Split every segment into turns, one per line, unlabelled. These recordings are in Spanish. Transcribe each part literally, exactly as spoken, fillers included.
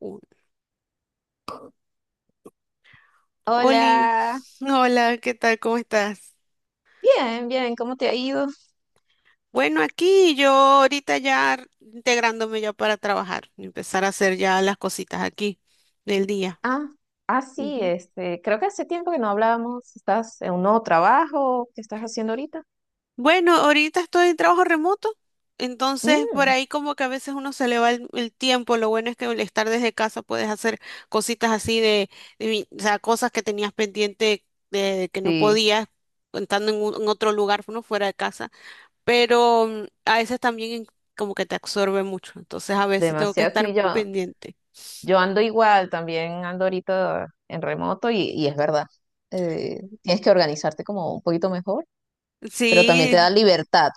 Un- Oli,
Hola,
hola, ¿qué tal? ¿Cómo estás?
bien, bien, ¿cómo te ha ido?
Bueno, aquí yo ahorita ya r- integrándome ya para trabajar, empezar a hacer ya las cositas aquí del día.
Ah, ah, sí,
Ujú.
este, creo que hace tiempo que no hablábamos. ¿Estás en un nuevo trabajo? ¿Qué estás haciendo ahorita?
Bueno, ahorita estoy en trabajo remoto, entonces por
Mm,
ahí como que a veces uno se le va el, el tiempo, lo bueno es que al estar desde casa puedes hacer cositas así de, de mi- o sea, cosas que tenías pendiente de, que no
sí,
podías, estando en, un- en otro lugar, uno fuera de casa. Pero mm, a veces también como que te absorbe mucho, entonces a veces tengo que
demasiado,
estar
sí, yo,
pendiente.
yo ando igual, también ando ahorita en remoto y, y es verdad. Eh, tienes que organizarte como un poquito mejor, pero también te da
Sí,
libertad.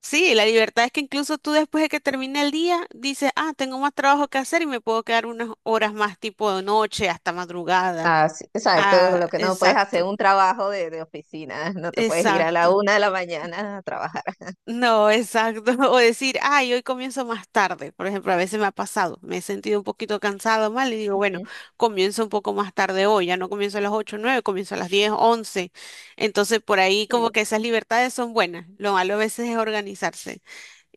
sí, la libertad es que incluso tú después de que termine el día dices, ah, tengo más trabajo que hacer y me puedo quedar unas horas más tipo de noche hasta madrugada.
Ah, sí, exacto,
Ah,
lo que no puedes hacer
exacto,
un trabajo de, de oficina, no te puedes ir a la
exacto.
una de la mañana a trabajar.
No, exacto. O decir, ay, hoy comienzo más tarde. Por ejemplo, a veces me ha pasado, me he sentido un poquito cansado mal y digo, bueno,
Ujú.
comienzo un poco más tarde hoy, ya no comienzo a las ocho nueve, comienzo a las diez once. Entonces, por ahí como
Sí.
que esas libertades son buenas. Lo malo a veces es organizarse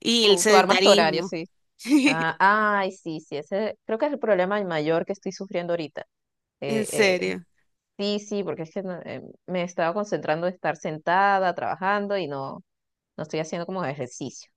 y el
Tú, tú armas tu horario,
sedentarismo.
sí. Ah, ay, sí, sí, ese creo que es el problema mayor que estoy sufriendo ahorita.
En
Eh, eh,
serio.
sí, sí, porque es que no, eh, me estaba concentrando en estar sentada, trabajando y no, no estoy haciendo como ejercicio.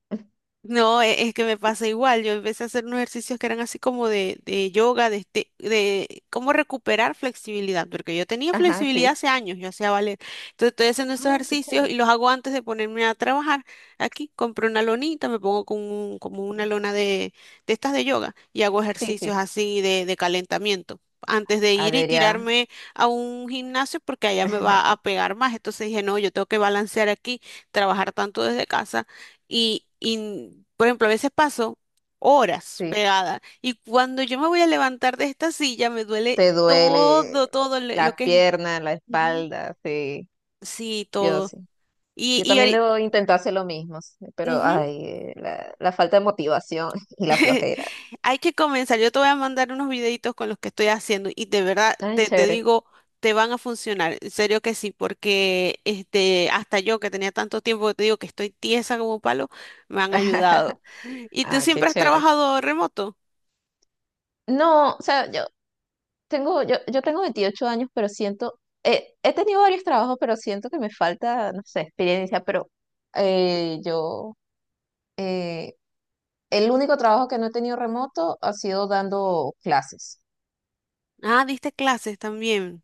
No, e- es que me pasa igual. Yo empecé a hacer unos ejercicios que eran así como de, de, yoga, de, este- de cómo recuperar flexibilidad, porque yo tenía
Ajá,
flexibilidad
sí.
hace años, yo hacía ballet. Entonces estoy haciendo esos
Ah, qué
ejercicios
chévere.
y los hago antes de ponerme a trabajar. Aquí compro una lonita, me pongo con un- como una lona de, de estas de yoga y hago
Sí,
ejercicios
sí.
así de, de calentamiento. Antes de ir y
Adrián,
tirarme a un gimnasio porque allá me va a pegar más. Entonces dije, no, yo tengo que balancear aquí, trabajar tanto desde casa y, y, por ejemplo, a veces paso horas
sí.
pegada y cuando yo me voy a levantar de esta silla me duele
Te
todo,
duele
todo le- lo
las
que es.
piernas, la
Ujú.
espalda, sí.
Sí,
Yo
todo.
sí.
Y,
Yo
y
también
ahori-
debo intentar hacer lo mismo, sí, pero
ujú,
ay, eh, la, la falta de motivación y la flojera.
Hay que comenzar. Yo te voy a mandar unos videitos con los que estoy haciendo y de verdad
Ay,
te, te
chévere.
digo, te van a funcionar. En serio que sí, porque este, hasta yo que tenía tanto tiempo que te digo que estoy tiesa como un palo, me han ayudado. ¿Y tú
Ah, qué
siempre has
chévere.
trabajado remoto?
No, o sea, yo tengo, yo, yo tengo veintiocho años, pero siento, eh, he tenido varios trabajos, pero siento que me falta, no sé, experiencia, pero eh, yo, eh, el único trabajo que no he tenido remoto ha sido dando clases.
Ah, diste clases también.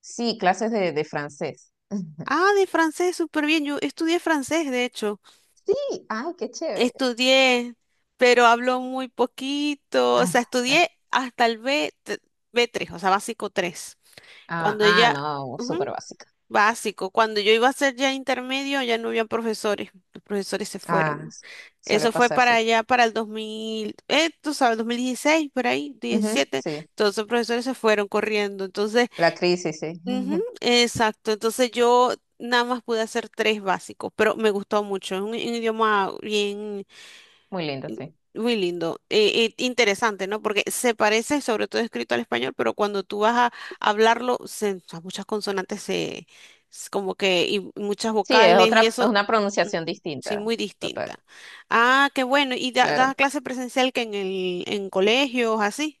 Sí, clases de, de francés.
Ah, de francés, súper bien. Yo estudié francés, de hecho.
Sí, ay, qué chévere.
Estudié, pero hablo muy poquito. O
Ah,
sea,
ah,
estudié hasta el B, t- b tres, o sea, básico tres.
ah,
Cuando
ah,
ya,
no,
ujú,
súper básica.
básico, cuando yo iba a hacer ya intermedio, ya no había profesores. Los profesores se
Ah,
fueron.
s- suele
Eso fue
pasar, sí.
para allá, para el dos mil, eh, tú sabes, dos mil dieciséis por ahí,
Ujú,
diecisiete.
sí,
Todos los profesores se fueron corriendo. Entonces,
la crisis, sí.
ujú, exacto, entonces yo nada más pude hacer tres básicos, pero me gustó mucho, es un, un idioma bien,
Muy lindo,
in-
sí.
muy lindo, eh, eh, interesante, ¿no? Porque se parece, sobre todo escrito al español, pero cuando tú vas a hablarlo, se, o sea, muchas consonantes se, s- como que, y muchas
Sí, es
vocales y
otra, es
eso,
una pronunciación
ujú, sí,
distinta.
muy
Total,
distinta. Ah, qué bueno, y da, da
claro.
clase presencial que en el, en colegios, así,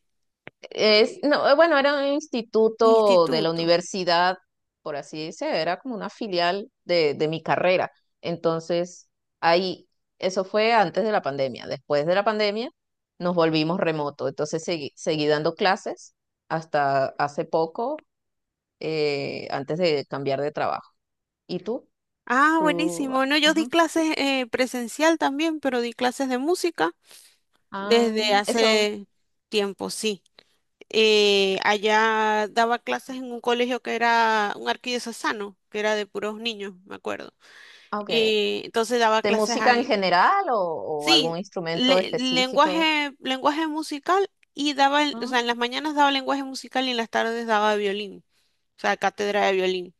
Es, no, eh, bueno, era un instituto de la
instituto.
universidad, por así decir, era como una filial de, de mi carrera. Entonces, ahí, eso fue antes de la pandemia. Después de la pandemia, nos volvimos remoto. Entonces, seguí, seguí dando clases hasta hace poco, eh, antes de cambiar de trabajo. ¿Y tú?
Ah,
¿Tú?
buenísimo. No, yo di
Ajá.
clases eh, presencial también, pero di clases de música desde
Ah, eso,
hace tiempo, sí. Eh, allá daba clases en un colegio que era un arquidiocesano, que era de puros niños, me acuerdo.
ah, ok.
Eh, entonces daba
¿De
clases
música en
ahí.
general o, o algún
Sí,
instrumento
le-
específico?
lenguaje, lenguaje musical y daba, el- o
Ah,
sea, en las mañanas daba lenguaje musical y en las tardes daba violín, o sea, cátedra de violín.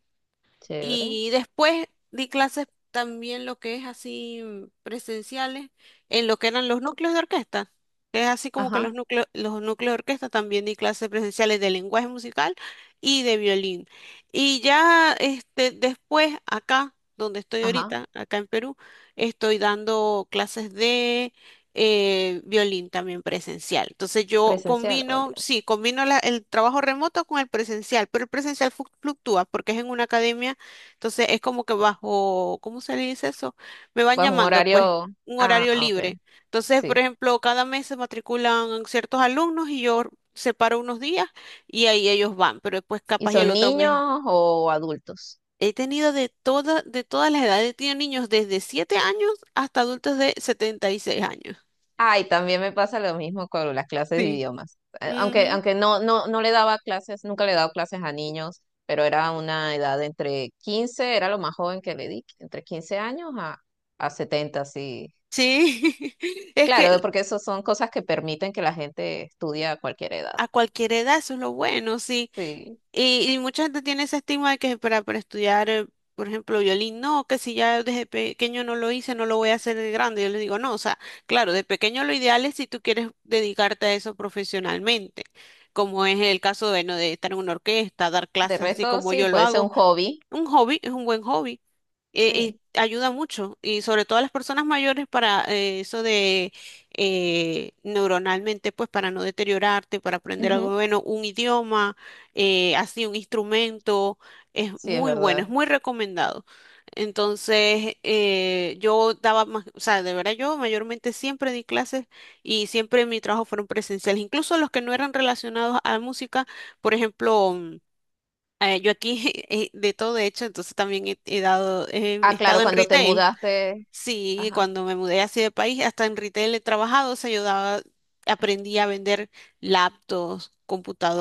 chévere.
Y después di clases también lo que es así mm, presenciales en lo que eran los núcleos de orquesta. Que es así como que
Ajá.
los núcleos, los núcleos de orquesta también di clases presenciales de lenguaje musical y de violín. Y ya este, después acá, donde estoy
Ajá,
ahorita, acá en Perú, estoy dando clases de eh, violín también presencial. Entonces yo
presencial. O
combino,
ya.
sí, combino la- el trabajo remoto con el presencial, pero el presencial fluc- fluctúa porque es en una academia, entonces es como que bajo, ¿cómo se le dice eso? Me van
Pues un
llamando, pues,
horario.
un
Ah,
horario
ah, ok,
libre. Entonces, por
sí.
ejemplo, cada mes se matriculan ciertos alumnos y yo separo unos días y ahí ellos van, pero después
¿Y
capaz y el
son
otro mes.
niños o adultos?
He tenido de toda, de todas las edades, he tenido niños desde siete años hasta adultos de setenta y seis años.
Ay, también me pasa lo mismo con las clases de
Sí.
idiomas. Eh, Aunque,
Ujú.
aunque no, no, no le daba clases, nunca le he dado clases a niños, pero era una edad de entre quince era lo más joven que le di, entre quince años a, a setenta sí.
Sí, es que
Claro, porque eso son cosas que permiten que la gente estudie a cualquier edad.
a cualquier edad eso es lo bueno, sí.
Sí.
Y, y mucha gente tiene ese estigma de que para, para estudiar, eh, por ejemplo, violín, no, que si ya desde pequeño no lo hice, no lo voy a hacer de grande. Yo les digo, no, o sea, claro, de pequeño lo ideal es si tú quieres dedicarte a eso profesionalmente, como es el caso, bueno, de estar en una orquesta, dar
De
clases así
resto,
como
sí,
yo lo
puede ser un
hago.
hobby.
Un hobby es un buen hobby eh,
Sí.
y ayuda mucho, y sobre todo a las personas mayores para eh, eso de eh, neuronalmente, pues para no deteriorarte, para aprender algo
Ujú.
bueno, un idioma, eh, así un instrumento, es
Sí, es
muy bueno, es
verdad.
muy recomendado. Entonces, eh, yo daba más, o sea, de verdad yo mayormente siempre di clases y siempre mi trabajo fueron presenciales, incluso los que no eran relacionados a música, por ejemplo eh, yo aquí eh, de todo, de hecho, entonces también he, he dado, eh, he
Ah, claro,
estado en
cuando te
retail.
mudaste,
Sí,
ajá.
cuando me mudé así de país, hasta en retail he trabajado, o sea, yo daba- aprendí a vender laptops,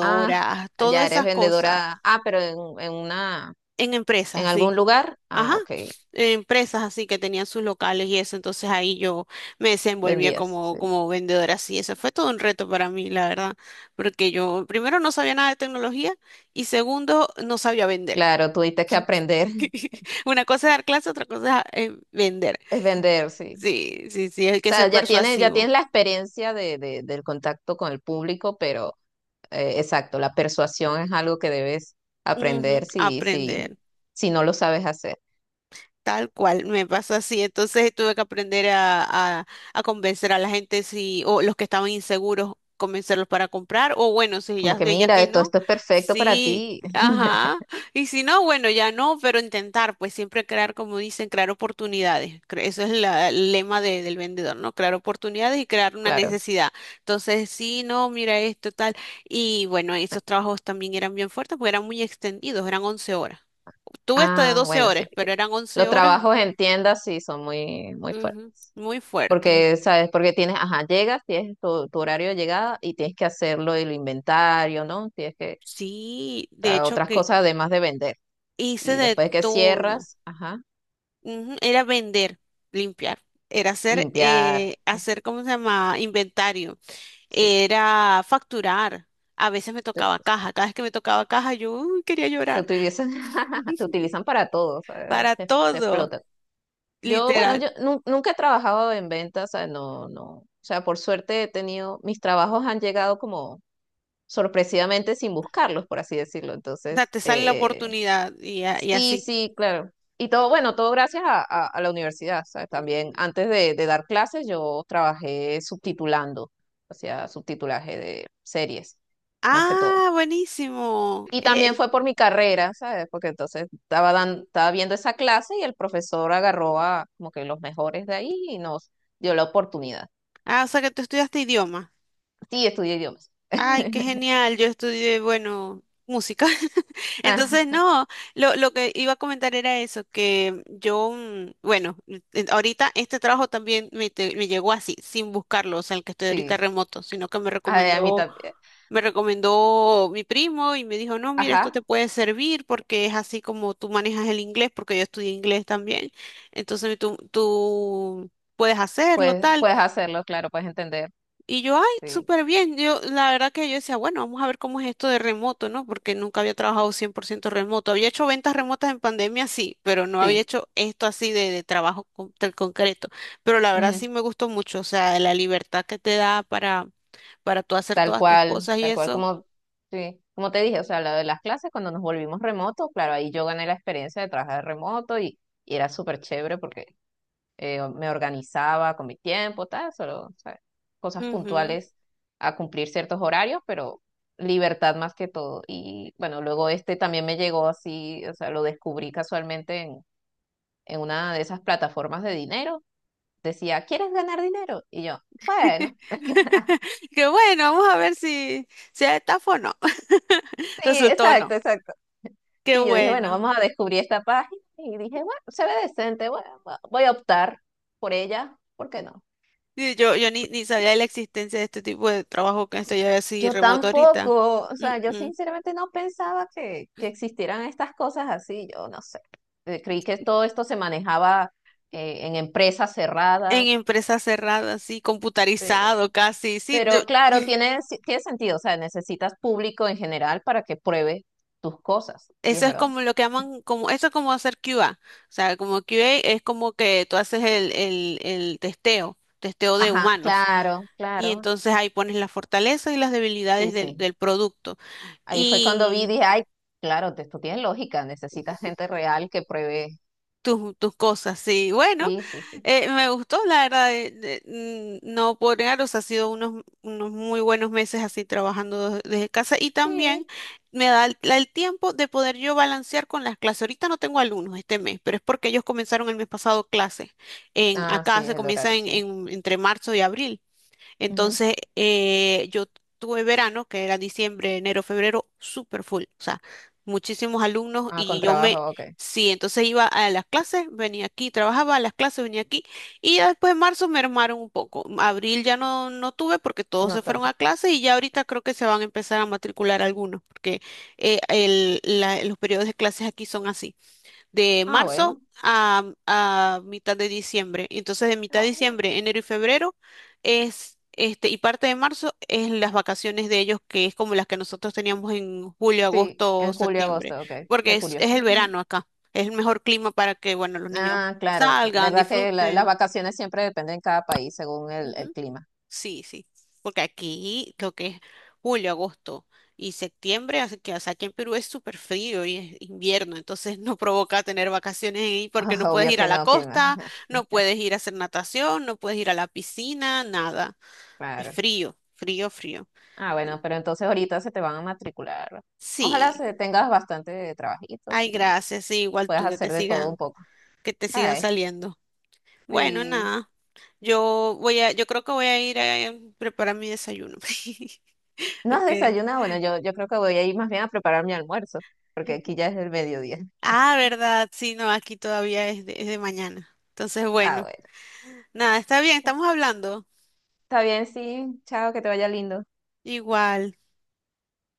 Ah,
todas
ya eres
esas cosas
vendedora. Ah, pero en, en una,
en
en
empresas, sí.
algún lugar.
Ajá,
Ah, ok,
en empresas así que tenían sus locales y eso, entonces ahí yo me desenvolvía
vendías,
como,
sí.
como vendedora, así eso fue todo un reto para mí, la verdad, porque yo primero no sabía nada de tecnología y segundo no sabía vender.
Claro, tuviste que aprender.
Una cosa es dar clase, otra cosa es eh, vender.
Es vender, sí.
Sí, sí, sí, hay
O
que
sea,
ser
ya tienes, ya
persuasivo.
tienes la experiencia de, de- del contacto con el público, pero eh, exacto, la persuasión es algo que debes
Ujú,
aprender si, si,
aprender.
si no lo sabes hacer.
Tal cual, me pasó así. Entonces tuve que aprender a, a, a convencer a la gente si, o los que estaban inseguros, convencerlos para comprar, o bueno, si
Como
ya,
que
ya
mira,
que
esto,
no,
esto es perfecto para
sí,
ti.
ajá. Y si no, bueno, ya no, pero intentar, pues siempre crear, como dicen, crear oportunidades. Cre- Eso es la- el lema de- del vendedor, ¿no? Crear oportunidades y crear una
Claro.
necesidad. Entonces, sí, no, mira esto, tal. Y bueno, esos trabajos también eran bien fuertes porque eran muy extendidos, eran once horas. Tuve hasta de
Ah,
doce
bueno, sí,
horas,
sí.
pero eran once
Los
horas
trabajos en tiendas sí son muy, muy fuertes.
Ujú, muy fuerte.
Porque, ¿sabes? Porque tienes, ajá, llegas, tienes tu, tu horario de llegada y tienes que hacerlo el inventario, ¿no? Tienes que,
Sí,
o
de
sea,
hecho
otras
que
cosas además de vender.
hice
Y
de
después que
todo.
cierras, ajá,
Ujú, era vender, limpiar, era hacer,
limpiar.
eh,
Mm,
hacer, ¿cómo se llama? Inventario,
sí,
era facturar. A veces me
te, ut-
tocaba caja. Cada vez que me tocaba caja, yo uy, quería
te
llorar.
utilizan, te utilizan para todo, ¿sabes?
Para
Te, te
todo,
explotan. Yo, bueno,
literal.
yo nu- nunca he trabajado en ventas, o sea, no, no. O sea, por suerte he tenido, mis trabajos han llegado como sorpresivamente sin buscarlos, por así decirlo.
O sea,
Entonces,
te sale la
eh,
oportunidad y, a- y
sí,
así.
sí, claro. Y todo, bueno, todo gracias a, a- a la universidad, ¿sabes? También antes de, de dar clases yo trabajé subtitulando, hacía subtitulaje de series, más que todo.
Ah, buenísimo.
Y también
Eh,
fue por mi carrera, ¿sabes? Porque entonces estaba, dan- estaba viendo esa clase y el profesor agarró a como que los mejores de ahí y nos dio la oportunidad.
ah, o sea que tú estudiaste idioma.
Sí, estudié idiomas.
Ay, qué genial. Yo estudié, bueno, música. Entonces,
Ajá,
no, lo, lo que iba a comentar era eso, que yo, mm, bueno, eh, ahorita este trabajo también me, te- me llegó así, sin buscarlo, o sea, el que estoy ahorita
sí,
remoto, sino que me
a, a mí
recomendó,
también.
me recomendó mi primo y me dijo, no, mira, esto te
Ajá.
puede servir porque es así como tú manejas el inglés, porque yo estudié inglés también. Entonces, tú, tú puedes hacerlo,
Pues,
tal.
puedes hacerlo, claro, puedes entender.
Y yo, ay,
Sí,
súper bien. Yo, la verdad que yo decía, bueno, vamos a ver cómo es esto de remoto, ¿no? Porque nunca había trabajado cien por ciento remoto. Había hecho ventas remotas en pandemia, sí, pero no había
sí,
hecho esto así de, de trabajo con- tan concreto. Pero la verdad
ujú.
sí me gustó mucho, o sea, la libertad que te da para, para tú hacer
Tal
todas tus
cual,
cosas y
tal cual
eso.
como, sí, como te dije, o sea, lo de las clases cuando nos volvimos remoto, claro, ahí yo gané la experiencia de trabajar remoto y, y era súper chévere porque eh, me organizaba con mi tiempo, tal, solo, o sea, cosas
Ujú.
puntuales a cumplir ciertos horarios, pero libertad más que todo. Y bueno, luego este también me llegó así, o sea, lo descubrí casualmente en, en una de esas plataformas de dinero decía, ¿quieres ganar dinero? Y yo, bueno,
Qué bueno, vamos a ver si, si es estafa o no.
sí,
Resultó o
exacto,
no.
exacto.
Qué
Sí, yo dije, bueno,
bueno.
vamos a descubrir esta página y dije, bueno, se ve decente, bueno, va- voy a optar por ella, ¿por qué no?
Sí, yo yo ni, ni sabía de la existencia de este tipo de trabajo que estoy así
Yo
remoto ahorita.
tampoco, o
Mm,
sea, yo
mm.
sinceramente no pensaba que, que existieran estas cosas así, yo no sé. Eh, Creí que todo esto se manejaba eh, en empresas
En
cerradas,
empresas cerradas, así,
pero...
computarizado casi. Sí, yo-
pero claro, tiene, si- tiene sentido, o sea, necesitas público en general para que pruebe tus cosas, y es
eso es
verdad.
como lo que llaman, como, eso es como hacer Q A. O sea, como Q A es como que tú haces el, el, el testeo, testeo de
Ajá,
humanos.
claro,
Y
claro,
entonces ahí pones las fortalezas y las
sí,
debilidades del,
sí.
del producto.
Ahí fue cuando vi, dije, ay, claro, te- esto tiene lógica, necesitas gente real que pruebe.
Tus, tus cosas, sí. Bueno,
Sí, sí, sí.
eh, me gustó, la verdad, de- de- mm, no por negar, o sea, ha sido unos, unos muy buenos meses así trabajando de- desde casa y también
Sí.
me da el, la- el tiempo de poder yo balancear con las clases. Ahorita no tengo alumnos este mes, pero es porque ellos comenzaron el mes pasado clases. En,
Ah, sí,
acá se
es el
comienza
horario,
en,
sí.
en- entre marzo y abril.
Ujú.
Entonces, eh, yo tuve verano, que era diciembre, enero, febrero, súper full, o sea, muchísimos alumnos
Ah,
y
con
yo me,
trabajo, ok.
sí, entonces iba a las clases, venía aquí, trabajaba a las clases, venía aquí y ya después en marzo me armaron un poco. Abril ya no, no tuve porque todos se
No
fueron
tanto.
a clases y ya ahorita creo que se van a empezar a matricular algunos, porque eh, el- la- los periodos de clases aquí son así de
Ah,
marzo
bueno.
a, a mitad de diciembre. Entonces, de mitad de
Ah, bueno.
diciembre, enero y febrero es este, y parte de marzo es las vacaciones de ellos, que es como las que nosotros teníamos en julio,
Sí,
agosto,
en julio,
septiembre,
agosto, ok.
porque
Qué
es, es
curioso.
el
Ujú.
verano acá. Es el mejor clima para que, bueno, los niños
Ah, claro,
salgan,
verdad que la- las
disfruten.
vacaciones siempre dependen de cada país según el, el clima.
Sí, sí, porque aquí lo que es julio, agosto y septiembre, hace que, o sea, aquí en Perú es súper frío y es invierno, entonces no provoca tener vacaciones ahí porque no puedes
Obvio
ir a
que
la
no, clima.
costa, no puedes ir a hacer natación, no puedes ir a la piscina, nada. Es
Claro.
frío, frío, frío.
Ah, bueno, pero entonces ahorita se te van a matricular. Ojalá
Sí,
se tengas bastante trabajitos
ay,
y
gracias, sí, igual
puedas
tú que te
hacer de todo un
sigan,
poco.
que te sigan
Ay,
saliendo. Bueno,
sí.
nada. Yo voy a, yo creo que voy a ir a preparar mi desayuno.
¿No has
Porque
desayunado? Bueno, yo, yo creo que voy a ir más bien a preparar mi almuerzo, porque aquí ya es el mediodía.
ah, verdad, sí, no, aquí todavía es de, es de mañana. Entonces,
Ah,
bueno,
bueno.
nada, está bien, estamos hablando.
Está bien, sí. Chao, que te vaya lindo.
Igual.